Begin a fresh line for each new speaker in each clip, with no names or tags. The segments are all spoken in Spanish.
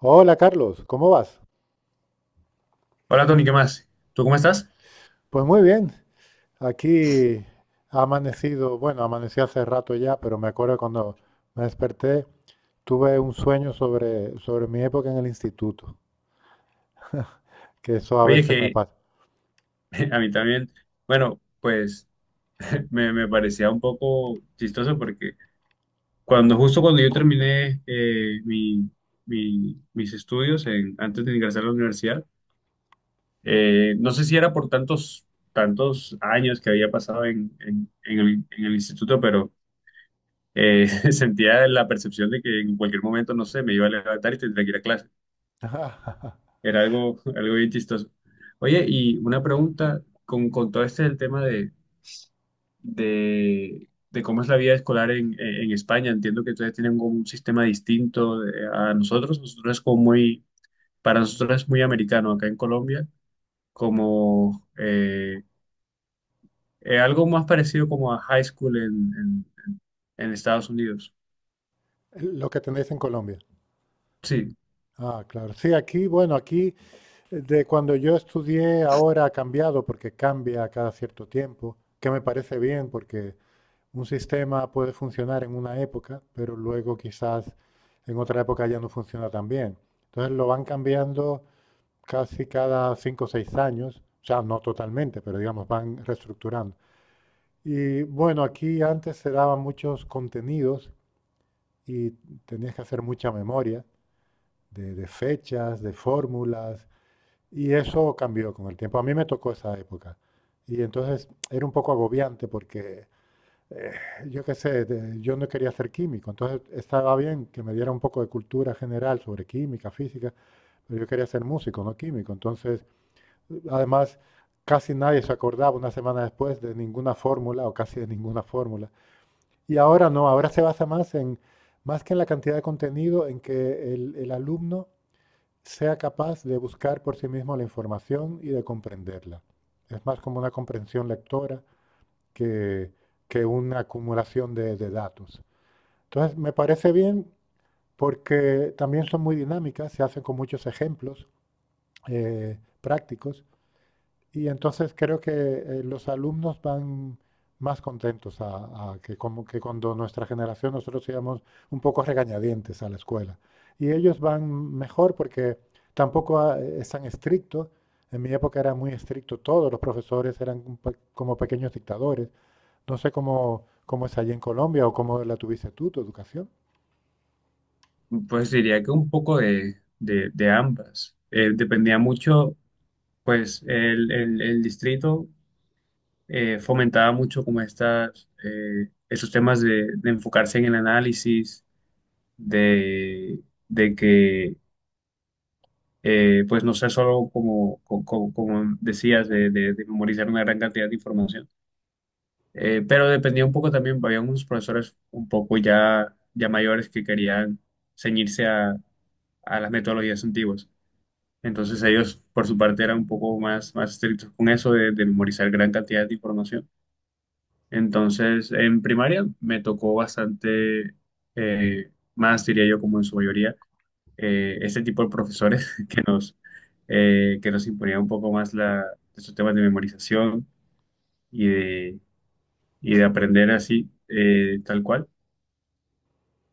Hola Carlos, ¿cómo vas?
Hola Tony, ¿qué más? ¿Tú cómo estás?
Pues muy bien, aquí ha amanecido, bueno, amanecí hace rato ya, pero me acuerdo cuando me desperté, tuve un sueño sobre mi época en el instituto, que eso a
Oye,
veces me
que
pasa.
a mí también, bueno, pues me parecía un poco chistoso porque cuando justo cuando yo terminé mis estudios en- antes de ingresar a la universidad, no sé si era por tantos años que había pasado en- en el instituto, pero eh, sentía la percepción de que en cualquier momento, no sé, me iba a levantar y tendría que ir a clase.
Ajá.
Era algo, algo bien chistoso. Oye, y una pregunta con todo este el tema de, de cómo es la vida escolar en España. Entiendo que ustedes tienen como un sistema distinto de- a nosotros. Nosotros es como para nosotros es muy americano acá en Colombia, como algo más parecido como a high school en Estados Unidos.
Lo que tenéis en Colombia.
Sí,
Ah, claro. Sí, aquí, bueno, aquí de cuando yo estudié ahora ha cambiado porque cambia cada cierto tiempo, que me parece bien porque un sistema puede funcionar en una época, pero luego quizás en otra época ya no funciona tan bien. Entonces lo van cambiando casi cada cinco o seis años, o sea, no totalmente, pero digamos, van reestructurando. Y bueno, aquí antes se daban muchos contenidos y tenías que hacer mucha memoria de fechas, de fórmulas, y eso cambió con el tiempo. A mí me tocó esa época. Y entonces era un poco agobiante porque eh, yo qué sé, yo no quería ser químico, entonces estaba bien que me diera un poco de cultura general sobre química, física, pero yo quería ser músico, no químico. Entonces, además, casi nadie se acordaba una semana después de ninguna fórmula o casi de ninguna fórmula. Y ahora no, ahora se basa más que en la cantidad de contenido, en que el alumno sea capaz de buscar por sí mismo la información y de comprenderla. Es más como una comprensión lectora que, que una acumulación de datos. Entonces, me parece bien porque también son muy dinámicas, se hacen con muchos ejemplos prácticos y entonces creo que los alumnos van más contentos a que, como que cuando nuestra generación nosotros íbamos un poco regañadientes a la escuela. Y ellos van mejor porque tampoco ah, es tan estricto. En mi época era muy estricto, todos los profesores eran como pequeños dictadores. No sé cómo es allí en Colombia o cómo la tuviste tu educación.
pues diría que un poco de ambas. Dependía mucho, pues, el distrito. Fomentaba mucho como esos temas de enfocarse en el análisis, de, de que pues no sea solo como, como, decías, de memorizar una gran cantidad de información. Pero dependía un poco también, había unos profesores un poco ya mayores que querían ceñirse a las metodologías antiguas. Entonces ellos, por su parte, eran un poco más estrictos con eso de memorizar gran cantidad de información. Entonces, en primaria me tocó bastante, más diría yo como en su mayoría, este tipo de profesores que que nos imponía un poco más estos temas de memorización y de, y de aprender así, tal cual.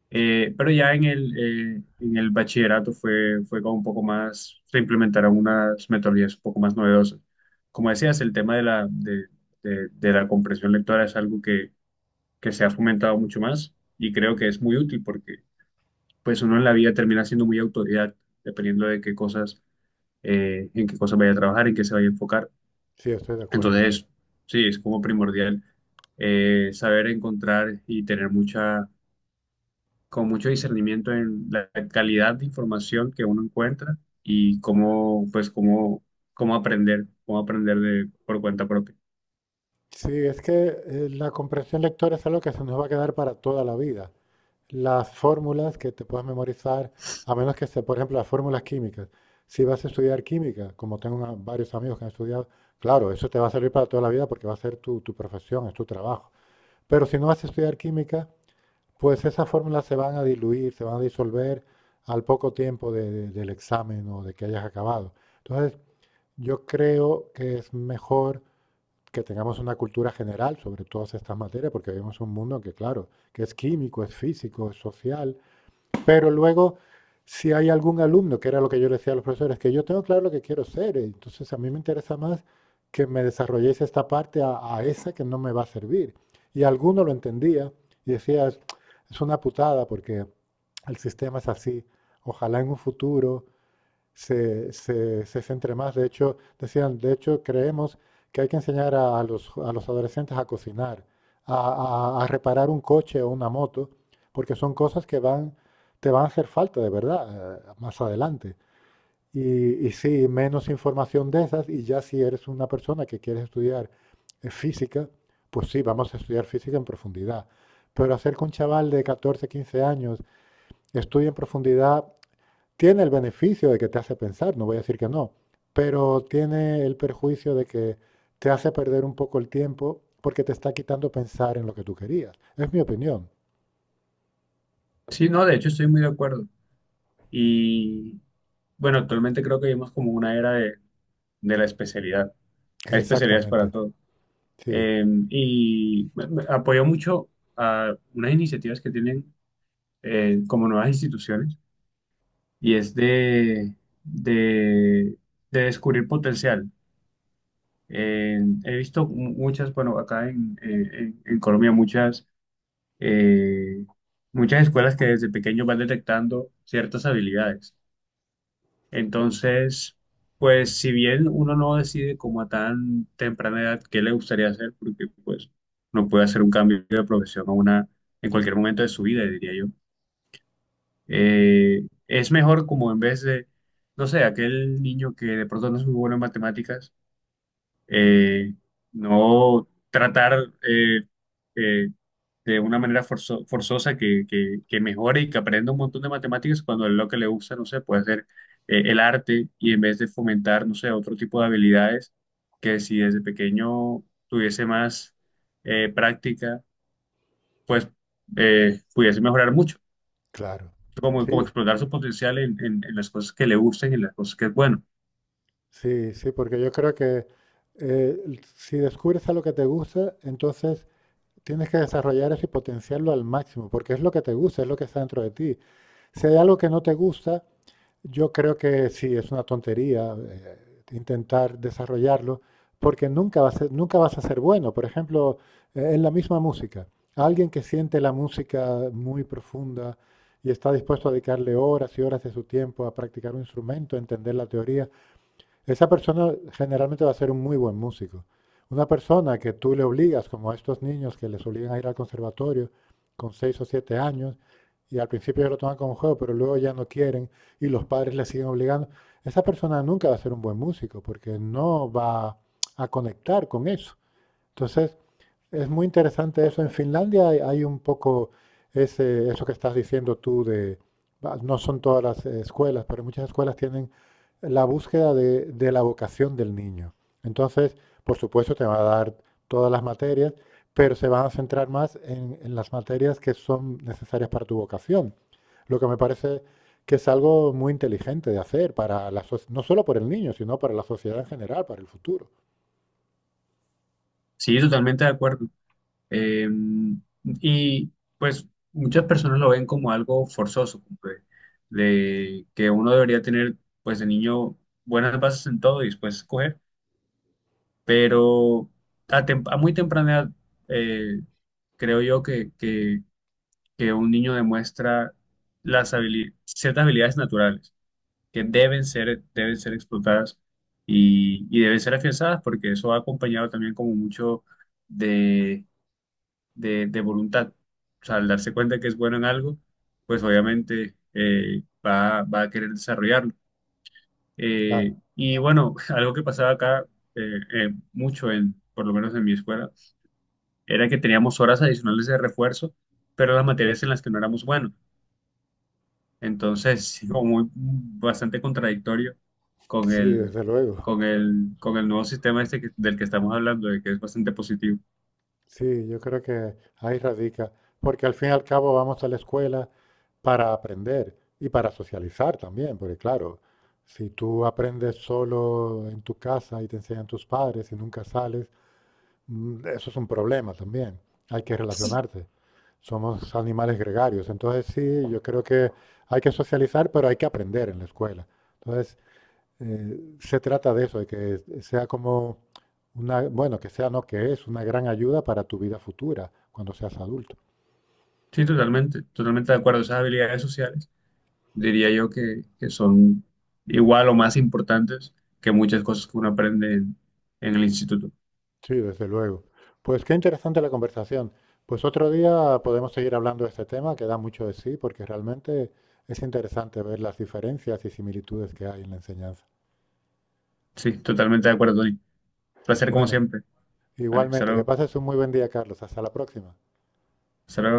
Eh, pero ya en el, en el bachillerato fue como un poco más, se implementaron unas metodologías un poco más novedosas. Como decías, el tema de la comprensión lectora es algo que se ha fomentado mucho más y creo que es muy útil porque pues uno en la vida termina siendo muy autodidacta, dependiendo de qué cosas, en qué cosas vaya a trabajar, en qué se vaya a enfocar.
Sí, estoy de acuerdo, sí.
Entonces, sí, es como primordial, saber encontrar y tener mucha, con mucho discernimiento en la calidad de información que uno encuentra y cómo, pues, cómo, cómo aprender de, por cuenta propia.
Sí, es que la comprensión lectora es algo que se nos va a quedar para toda la vida. Las fórmulas que te puedas memorizar, a menos que sea, por ejemplo, las fórmulas químicas. Si vas a estudiar química, como tengo varios amigos que han estudiado, claro, eso te va a servir para toda la vida porque va a ser tu profesión, es tu trabajo. Pero si no vas a estudiar química, pues esas fórmulas se van a diluir, se van a disolver al poco tiempo del examen o de que hayas acabado. Entonces, yo creo que es mejor que tengamos una cultura general sobre todas estas materias, porque vivimos un mundo que, claro, que es químico, es físico, es social, pero luego, si hay algún alumno, que era lo que yo le decía a los profesores, que yo tengo claro lo que quiero ser, entonces a mí me interesa más que me desarrolléis esta parte a esa que no me va a servir. Y alguno lo entendía y decía, es una putada porque el sistema es así, ojalá en un futuro se centre más. De hecho, decían, de hecho, creemos que hay que enseñar a los adolescentes a cocinar, a, a reparar un coche o una moto, porque son cosas que van, te van a hacer falta de verdad, más adelante. Y sí, menos información de esas, y ya si eres una persona que quieres estudiar física, pues sí, vamos a estudiar física en profundidad. Pero hacer que un chaval de 14, 15 años estudie en profundidad tiene el beneficio de que te hace pensar, no voy a decir que no, pero tiene el perjuicio de que te hace perder un poco el tiempo porque te está quitando pensar en lo que tú querías. Es mi opinión.
Sí, no, de hecho estoy muy de acuerdo. Y bueno, actualmente creo que vivimos como una era de la especialidad. Hay especialidades para
Exactamente.
todo.
Sí,
Eh, y me apoyo mucho a unas iniciativas que tienen como nuevas instituciones y es de, de descubrir potencial. He visto muchas, bueno, acá en Colombia, eh, muchas escuelas que desde pequeños van detectando ciertas habilidades. Entonces, pues si bien uno no decide como a tan temprana edad qué le gustaría hacer, porque pues no puede hacer un cambio de profesión a una, en cualquier momento de su vida, diría yo, es mejor como en vez de, no sé, aquel niño que de pronto no es muy bueno en matemáticas, eh, no tratar eh, de una manera forzosa que mejore y que aprenda un montón de matemáticas cuando lo que le gusta, no sé, puede ser el arte, y en vez de fomentar, no sé, otro tipo de habilidades que si desde pequeño tuviese más práctica, pues pudiese mejorar mucho.
claro.
Como, como
Sí,
explotar su potencial en las cosas que le gustan y en las cosas que es bueno.
sí, sí, porque yo creo que si descubres algo que te gusta, entonces tienes que desarrollar eso y potenciarlo al máximo, porque es lo que te gusta, es lo que está dentro de ti. Si hay algo que no te gusta, yo creo que sí, es una tontería intentar desarrollarlo, porque nunca, nunca vas a ser bueno. Por ejemplo, en la misma música, alguien que siente la música muy profunda y está dispuesto a dedicarle horas y horas de su tiempo a practicar un instrumento, a entender la teoría, esa persona generalmente va a ser un muy buen músico. Una persona que tú le obligas, como a estos niños que les obligan a ir al conservatorio con seis o siete años, y al principio ellos lo toman como juego, pero luego ya no quieren y los padres les siguen obligando, esa persona nunca va a ser un buen músico porque no va a conectar con eso. Entonces, es muy interesante eso. En Finlandia hay un poco eso que estás diciendo tú de, va, no son todas las escuelas, pero muchas escuelas tienen la búsqueda de la vocación del niño. Entonces, por supuesto, te va a dar todas las materias, pero se van a centrar más en las materias que son necesarias para tu vocación. Lo que me parece que es algo muy inteligente de hacer para no solo por el niño, sino para la sociedad en general, para el futuro.
Sí, totalmente de acuerdo. Eh, y pues muchas personas lo ven como algo forzoso, como de que uno debería tener pues de niño buenas bases en todo y después escoger, pero a muy temprana edad, eh, creo yo que un niño demuestra ciertas habilidades naturales que deben deben ser explotadas y deben ser afianzadas porque eso va acompañado también como mucho de voluntad. O sea, al darse cuenta que es bueno en algo, pues obviamente va a querer desarrollarlo.
Claro,
Y bueno, algo que pasaba acá mucho, en, por lo menos en mi escuela, era que teníamos horas adicionales de refuerzo, pero las materias en las que no éramos buenos. Entonces, sí, como muy, mm, bastante contradictorio con
sí,
el,
desde luego.
con el, con el nuevo sistema este que- del que estamos hablando, de que es bastante positivo.
Sí, yo creo que ahí radica, porque al fin y al cabo vamos a la escuela para aprender y para socializar también, porque claro, si tú aprendes solo en tu casa y te enseñan tus padres y nunca sales, mm, eso es un problema también. Hay que relacionarte. Somos animales gregarios, entonces sí, yo creo que hay que socializar, pero hay que aprender en la escuela. Entonces se trata de eso, de que sea como una, bueno, que sea no que es, una gran ayuda para tu vida futura cuando seas adulto.
Sí, totalmente de acuerdo. Esas habilidades sociales diría yo que son igual o más importantes que muchas cosas que uno aprende en el instituto.
Sí, desde luego. Pues qué interesante la conversación. Pues otro día podemos seguir hablando de este tema, que da mucho de sí, porque realmente es interesante ver las diferencias y similitudes que hay en la enseñanza.
Sí, totalmente de acuerdo, Tony. Placer como
Bueno,
siempre. Vale, hasta
igualmente, que
luego.
pases un muy buen día, Carlos. Hasta la próxima.
Hasta luego.